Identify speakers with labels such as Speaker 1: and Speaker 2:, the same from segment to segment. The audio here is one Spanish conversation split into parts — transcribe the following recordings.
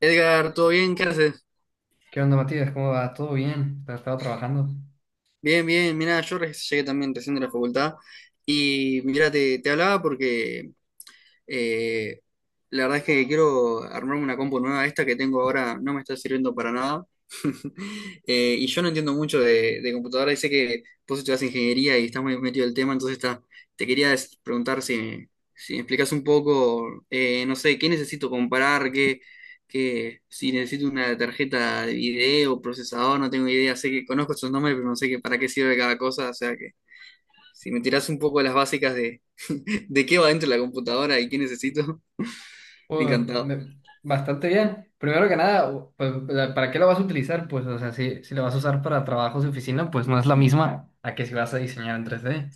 Speaker 1: Edgar, ¿todo bien? ¿Qué haces?
Speaker 2: ¿Qué onda, Matías? ¿Cómo va? ¿Todo bien? ¿Has estado trabajando?
Speaker 1: Bien, bien. Mira, yo llegué también recién de la facultad y mira, te hablaba porque Eh, la verdad es que quiero armarme una compu nueva. Esta que tengo ahora no me está sirviendo para nada. Y yo no entiendo mucho de computadora y sé que vos estudias ingeniería y estás muy metido en el tema, entonces está, te quería preguntar si, si me explicas un poco, no sé, qué necesito comprar, qué, si necesito una tarjeta de video, procesador, no tengo idea, sé que conozco estos nombres, pero no sé qué, para qué sirve cada cosa, o sea si me tirás un poco las básicas de, de qué va dentro de la computadora y qué necesito,
Speaker 2: Pues,
Speaker 1: encantado.
Speaker 2: me- Bastante bien. Primero que nada, ¿para qué lo vas a utilizar? Pues, o sea, si lo vas a usar para trabajos de oficina, pues no es la misma a que si vas a diseñar en 3D.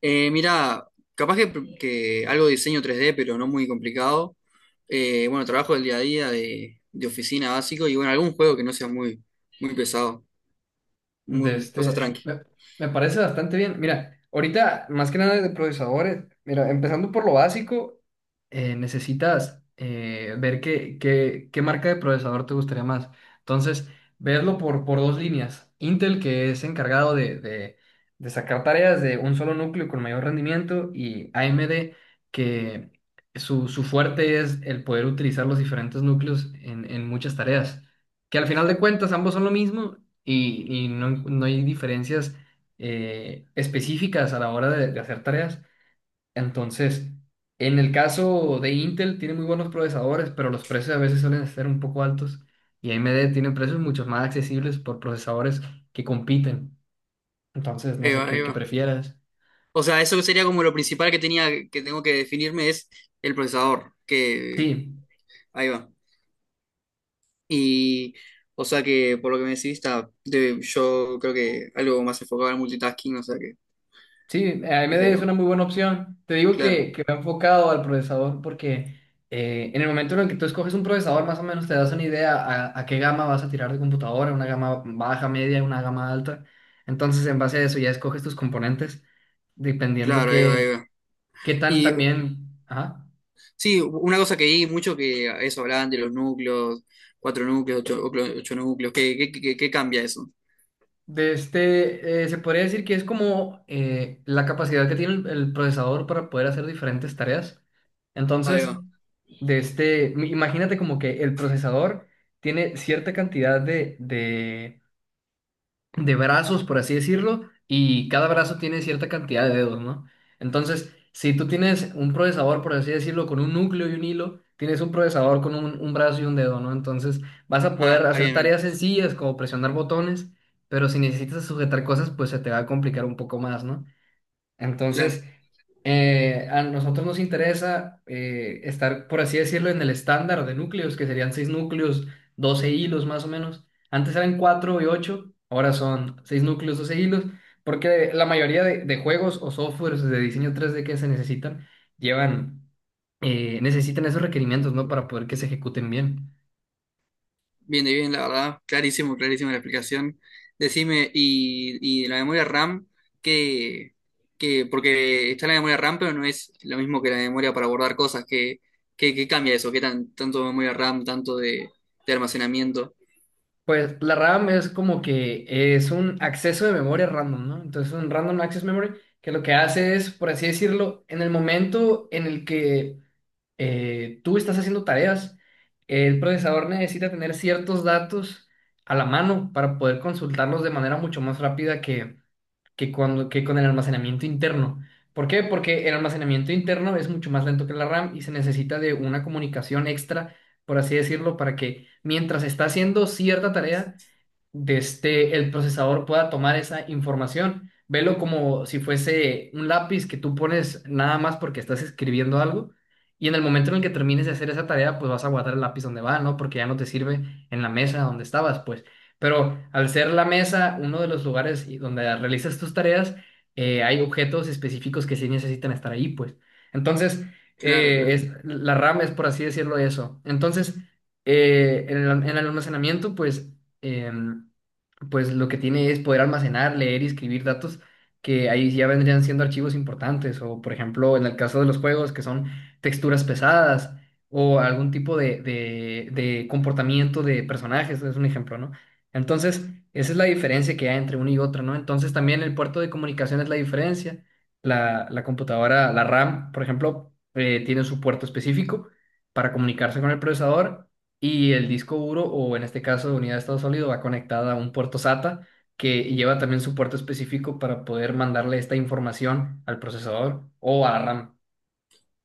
Speaker 1: Mira, capaz que algo de diseño 3D, pero no muy complicado. Bueno, trabajo del día a día de oficina básico y bueno, algún juego que no sea muy, muy pesado,
Speaker 2: De
Speaker 1: muy, cosas
Speaker 2: este,
Speaker 1: tranqui.
Speaker 2: me, me parece bastante bien. Mira, ahorita, más que nada de procesadores, mira, empezando por lo básico, necesitas ver qué marca de procesador te gustaría más. Entonces, verlo por dos líneas. Intel, que es encargado de sacar tareas de un solo núcleo con mayor rendimiento, y AMD, que su fuerte es el poder utilizar los diferentes núcleos en muchas tareas, que al final de cuentas ambos son lo mismo, y no hay diferencias específicas a la hora de hacer tareas. Entonces, en el caso de Intel, tiene muy buenos procesadores, pero los precios a veces suelen ser un poco altos y AMD tiene precios mucho más accesibles por procesadores que compiten. Entonces, no
Speaker 1: Ahí
Speaker 2: sé
Speaker 1: va, ahí
Speaker 2: qué
Speaker 1: va.
Speaker 2: prefieras.
Speaker 1: O sea, eso sería como lo principal que tenía, que tengo que definirme es el procesador, que
Speaker 2: Sí.
Speaker 1: ahí va. Y, o sea que, por lo que me decís, está, yo creo que algo más enfocado al multitasking, o sea que
Speaker 2: Sí, AMD
Speaker 1: estaría
Speaker 2: es
Speaker 1: bueno.
Speaker 2: una muy buena opción. Te digo
Speaker 1: Claro,
Speaker 2: que me he enfocado al procesador porque en el momento en el que tú escoges un procesador, más o menos te das una idea a qué gama vas a tirar de computadora, una gama baja, media, una gama alta. Entonces, en base a eso ya escoges tus componentes, dependiendo
Speaker 1: claro, ahí va, ahí va.
Speaker 2: qué tan
Speaker 1: Y
Speaker 2: también... Ajá.
Speaker 1: sí, una cosa que vi mucho que eso hablaban de los núcleos, cuatro núcleos, ocho, ocho núcleos, ¿qué, qué, qué cambia eso?
Speaker 2: Se podría decir que es como la capacidad que tiene el procesador para poder hacer diferentes tareas.
Speaker 1: Ahí
Speaker 2: Entonces,
Speaker 1: va.
Speaker 2: imagínate como que el procesador tiene cierta cantidad de brazos, por así decirlo, y cada brazo tiene cierta cantidad de dedos, ¿no? Entonces, si tú tienes un procesador, por así decirlo, con un núcleo y un hilo, tienes un procesador con un brazo y un dedo, ¿no? Entonces, vas a
Speaker 1: Ah,
Speaker 2: poder hacer
Speaker 1: bien, bien,
Speaker 2: tareas sencillas como presionar botones, pero si necesitas sujetar cosas, pues se te va a complicar un poco más, ¿no?
Speaker 1: claro.
Speaker 2: Entonces, a nosotros nos interesa estar, por así decirlo, en el estándar de núcleos, que serían 6 núcleos, 12 hilos más o menos. Antes eran 4 y 8, ahora son 6 núcleos, 12 hilos, porque la mayoría de juegos o softwares de diseño 3D que se necesitan llevan, necesitan esos requerimientos, ¿no? Para poder que se ejecuten bien.
Speaker 1: Bien, de bien, la verdad. Clarísimo, clarísimo la explicación. Decime, y la memoria RAM, que, que, porque está la memoria RAM, pero no es lo mismo que la memoria para guardar cosas. ¿Qué, qué, qué cambia eso? ¿Qué tan, tanto de memoria RAM, tanto de almacenamiento?
Speaker 2: Pues la RAM es como que es un acceso de memoria random, ¿no? Entonces un random access memory, que lo que hace es, por así decirlo, en el momento en el que tú estás haciendo tareas, el procesador necesita tener ciertos datos a la mano para poder consultarlos de manera mucho más rápida que con el almacenamiento interno. ¿Por qué? Porque el almacenamiento interno es mucho más lento que la RAM y se necesita de una comunicación extra, por así decirlo, para que mientras está haciendo cierta tarea, el procesador pueda tomar esa información. Velo como si fuese un lápiz que tú pones nada más porque estás escribiendo algo, y en el momento en el que termines de hacer esa tarea, pues vas a guardar el lápiz donde va, ¿no? Porque ya no te sirve en la mesa donde estabas, pues. Pero al ser la mesa uno de los lugares y donde realizas tus tareas, hay objetos específicos que sí necesitan estar ahí, pues. Entonces,
Speaker 1: Claro, claro.
Speaker 2: la RAM es, por así decirlo, eso. Entonces, en en el almacenamiento, pues em, pues lo que tiene es poder almacenar, leer y escribir datos que ahí ya vendrían siendo archivos importantes, o por ejemplo, en el caso de los juegos, que son texturas pesadas o algún tipo de comportamiento de personajes, es un ejemplo, ¿no? Entonces, esa es la diferencia que hay entre uno y otro, ¿no? Entonces, también el puerto de comunicación es la diferencia. La computadora, la RAM, por ejemplo, tiene su puerto específico para comunicarse con el procesador y el disco duro, o en este caso unidad de estado sólido, va conectada a un puerto SATA que lleva también su puerto específico para poder mandarle esta información al procesador o a la RAM.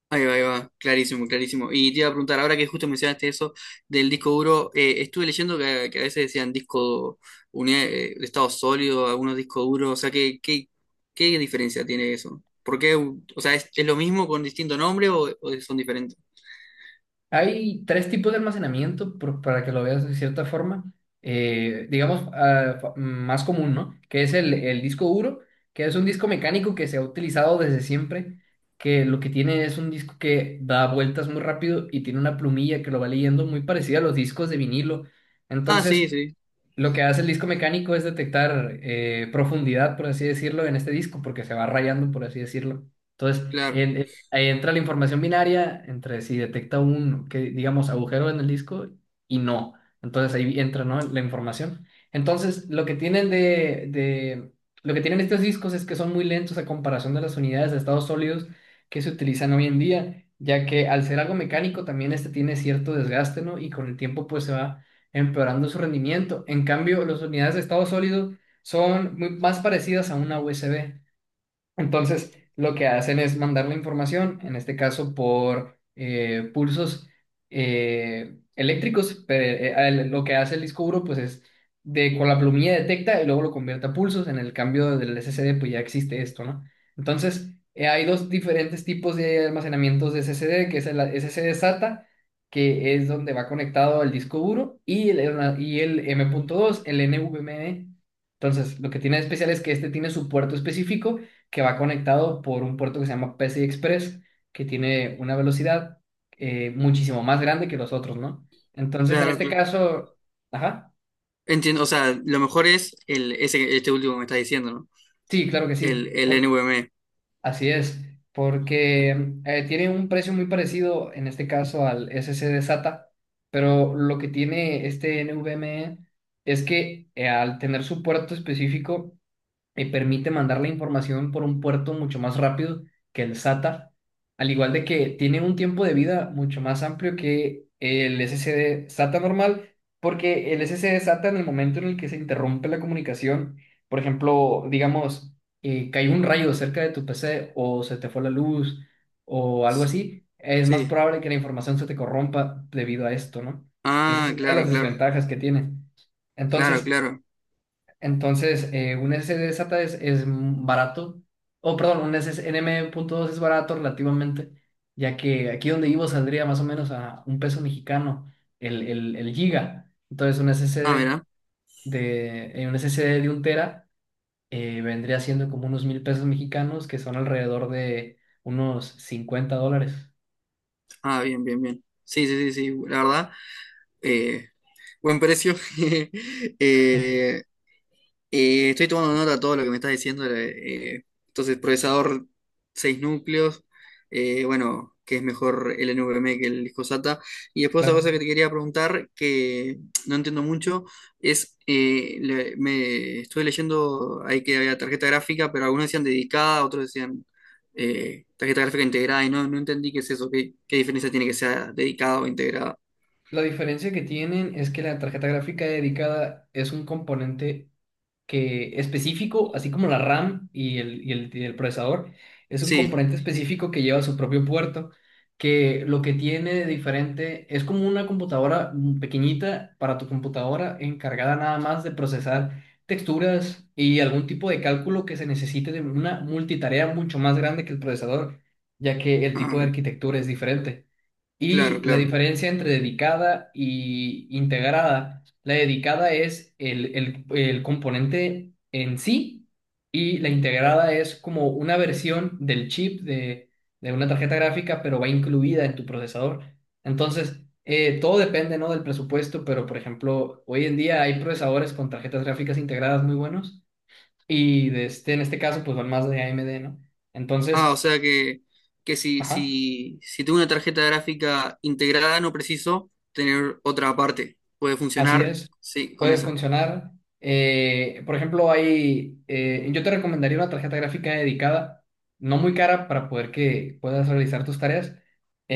Speaker 1: Ahí va, clarísimo, clarísimo. Y te iba a preguntar, ahora que justo mencionaste eso del disco duro, estuve leyendo que a veces decían disco unidad, de estado sólido, algunos discos duros, o sea, ¿qué, qué, qué diferencia tiene eso? ¿Por qué? O sea, es lo mismo con distinto nombre o son diferentes?
Speaker 2: Hay tres tipos de almacenamiento, para que lo veas de cierta forma, digamos, ah, más común, ¿no? Que es el disco duro, que es un disco mecánico que se ha utilizado desde siempre, que lo que tiene es un disco que da vueltas muy rápido y tiene una plumilla que lo va leyendo muy parecida a los discos de vinilo.
Speaker 1: Ah, sí,
Speaker 2: Entonces,
Speaker 1: sí,
Speaker 2: lo que hace el disco mecánico es detectar profundidad, por así decirlo, en este disco, porque se va rayando, por así decirlo. Entonces,
Speaker 1: claro,
Speaker 2: ahí entra la información binaria entre si detecta un, que, digamos, agujero en el disco y no. Entonces ahí entra, ¿no?, la información. Entonces, lo que tienen lo que tienen estos discos es que son muy lentos a comparación de las unidades de estados sólidos que se utilizan hoy en día, ya que al ser algo mecánico también este tiene cierto desgaste, ¿no? Y con el tiempo pues se va empeorando su rendimiento. En cambio, las unidades de estado sólido son más parecidas a una USB. Entonces, lo que hacen es mandar la información, en este caso por pulsos eléctricos, pero lo que hace el disco duro pues es de con la plumilla detecta y luego lo convierte a pulsos, en el cambio del SSD pues ya existe esto, ¿no? Entonces, hay dos diferentes tipos de almacenamientos de SSD, que es el SSD SATA, que es donde va conectado el disco duro, y y el M.2, el NVMe. Entonces, lo que tiene de especial es que este tiene su puerto específico que va conectado por un puerto que se llama PSI Express, que tiene una velocidad muchísimo más grande que los otros, ¿no? Entonces, en
Speaker 1: claro,
Speaker 2: este
Speaker 1: claro.
Speaker 2: caso, ajá,
Speaker 1: Entiendo, o sea, lo mejor es el, ese, este último que me estás diciendo, ¿no?
Speaker 2: sí, claro que sí,
Speaker 1: El NVMe.
Speaker 2: así es, porque tiene un precio muy parecido, en este caso, al SC de SATA, pero lo que tiene este NVMe es que, al tener su puerto específico, y permite mandar la información por un puerto mucho más rápido que el SATA, al igual de que tiene un tiempo de vida mucho más amplio que el SSD SATA normal, porque el SSD SATA en el momento en el que se interrumpe la comunicación, por ejemplo, digamos, cayó un rayo cerca de tu PC o se te fue la luz o algo así, es más
Speaker 1: Sí.
Speaker 2: probable que la información se te corrompa debido a esto, ¿no? Esa es
Speaker 1: Ah,
Speaker 2: una de
Speaker 1: claro,
Speaker 2: las
Speaker 1: claro,
Speaker 2: desventajas que tiene.
Speaker 1: claro,
Speaker 2: Entonces,
Speaker 1: claro.
Speaker 2: entonces, un SSD SATA es barato, o perdón, un NM.2 es barato relativamente, ya que aquí donde vivo saldría más o menos a un peso mexicano el giga. Entonces, un
Speaker 1: Ah,
Speaker 2: SSD
Speaker 1: mira.
Speaker 2: un SSD de un tera vendría siendo como unos 1000 pesos mexicanos, que son alrededor de unos 50 dólares.
Speaker 1: Ah, bien, bien, bien. Sí, sí, sí, sí. La verdad, eh, buen precio. Eh, estoy tomando nota de todo lo que me estás diciendo. Entonces, procesador 6 núcleos. Bueno, que es mejor el NVMe que el disco SATA. Y después otra
Speaker 2: Claro.
Speaker 1: cosa que te quería preguntar, que no entiendo mucho, es, me estuve leyendo ahí que había tarjeta gráfica, pero algunos decían dedicada, otros decían tarjeta gráfica integrada, y no, no entendí qué es eso, qué, qué diferencia tiene que sea dedicada o integrada.
Speaker 2: La diferencia que tienen es que la tarjeta gráfica dedicada es un componente que específico, así como la RAM y el procesador, es un
Speaker 1: Sí,
Speaker 2: componente específico que lleva su propio puerto, que lo que tiene de diferente es como una computadora, mm, pequeñita para tu computadora encargada nada más de procesar texturas y algún tipo de cálculo que se necesite de una multitarea mucho más grande que el procesador, ya que el
Speaker 1: ah,
Speaker 2: tipo de
Speaker 1: bien,
Speaker 2: arquitectura es diferente.
Speaker 1: claro,
Speaker 2: Y la
Speaker 1: claro.
Speaker 2: diferencia entre dedicada y integrada, la dedicada es el componente en sí, y la integrada es como una versión del chip de una tarjeta gráfica, pero va incluida en tu procesador. Entonces, todo depende, ¿no?, del presupuesto, pero por ejemplo, hoy en día hay procesadores con tarjetas gráficas integradas muy buenos y de este, en este caso, pues van más de AMD, ¿no?
Speaker 1: Ah, o
Speaker 2: Entonces,
Speaker 1: sea que si,
Speaker 2: ajá.
Speaker 1: si, si tengo una tarjeta gráfica integrada, no preciso tener otra aparte. Puede
Speaker 2: Así
Speaker 1: funcionar,
Speaker 2: es,
Speaker 1: sí, con
Speaker 2: puede
Speaker 1: esa.
Speaker 2: funcionar. Por ejemplo, hay, yo te recomendaría una tarjeta gráfica dedicada, no muy cara para poder que puedas realizar tus tareas,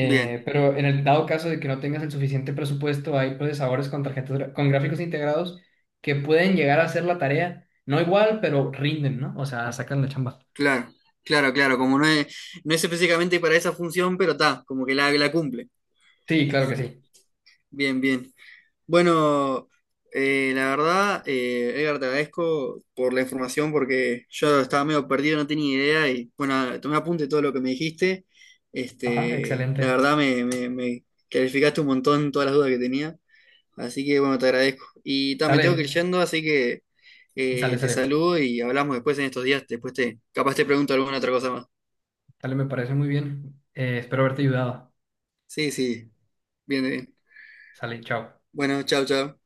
Speaker 1: Bien,
Speaker 2: pero en el dado caso de que no tengas el suficiente presupuesto, hay procesadores con con gráficos integrados que pueden llegar a hacer la tarea, no igual, pero rinden, ¿no? O sea, sacan la chamba.
Speaker 1: claro, claro, claro. Como no es, no es específicamente para esa función, pero está, como que la cumple.
Speaker 2: Sí, claro que sí.
Speaker 1: Bien, bien. Bueno, la verdad, Edgar, te agradezco por la información porque yo estaba medio perdido, no tenía idea y bueno, tomé apunte de todo lo que me dijiste.
Speaker 2: Ajá,
Speaker 1: Este, la
Speaker 2: excelente.
Speaker 1: verdad, me clarificaste un montón todas las dudas que tenía, así que bueno, te agradezco. Y ta, me tengo que ir
Speaker 2: Sale,
Speaker 1: yendo, así que te
Speaker 2: sale.
Speaker 1: saludo y hablamos después en estos días, después te, capaz te pregunto alguna otra cosa más.
Speaker 2: Sale, me parece muy bien. Espero haberte ayudado.
Speaker 1: Sí, sí, bien, bien.
Speaker 2: Sale, chao.
Speaker 1: Bueno, chao, chao.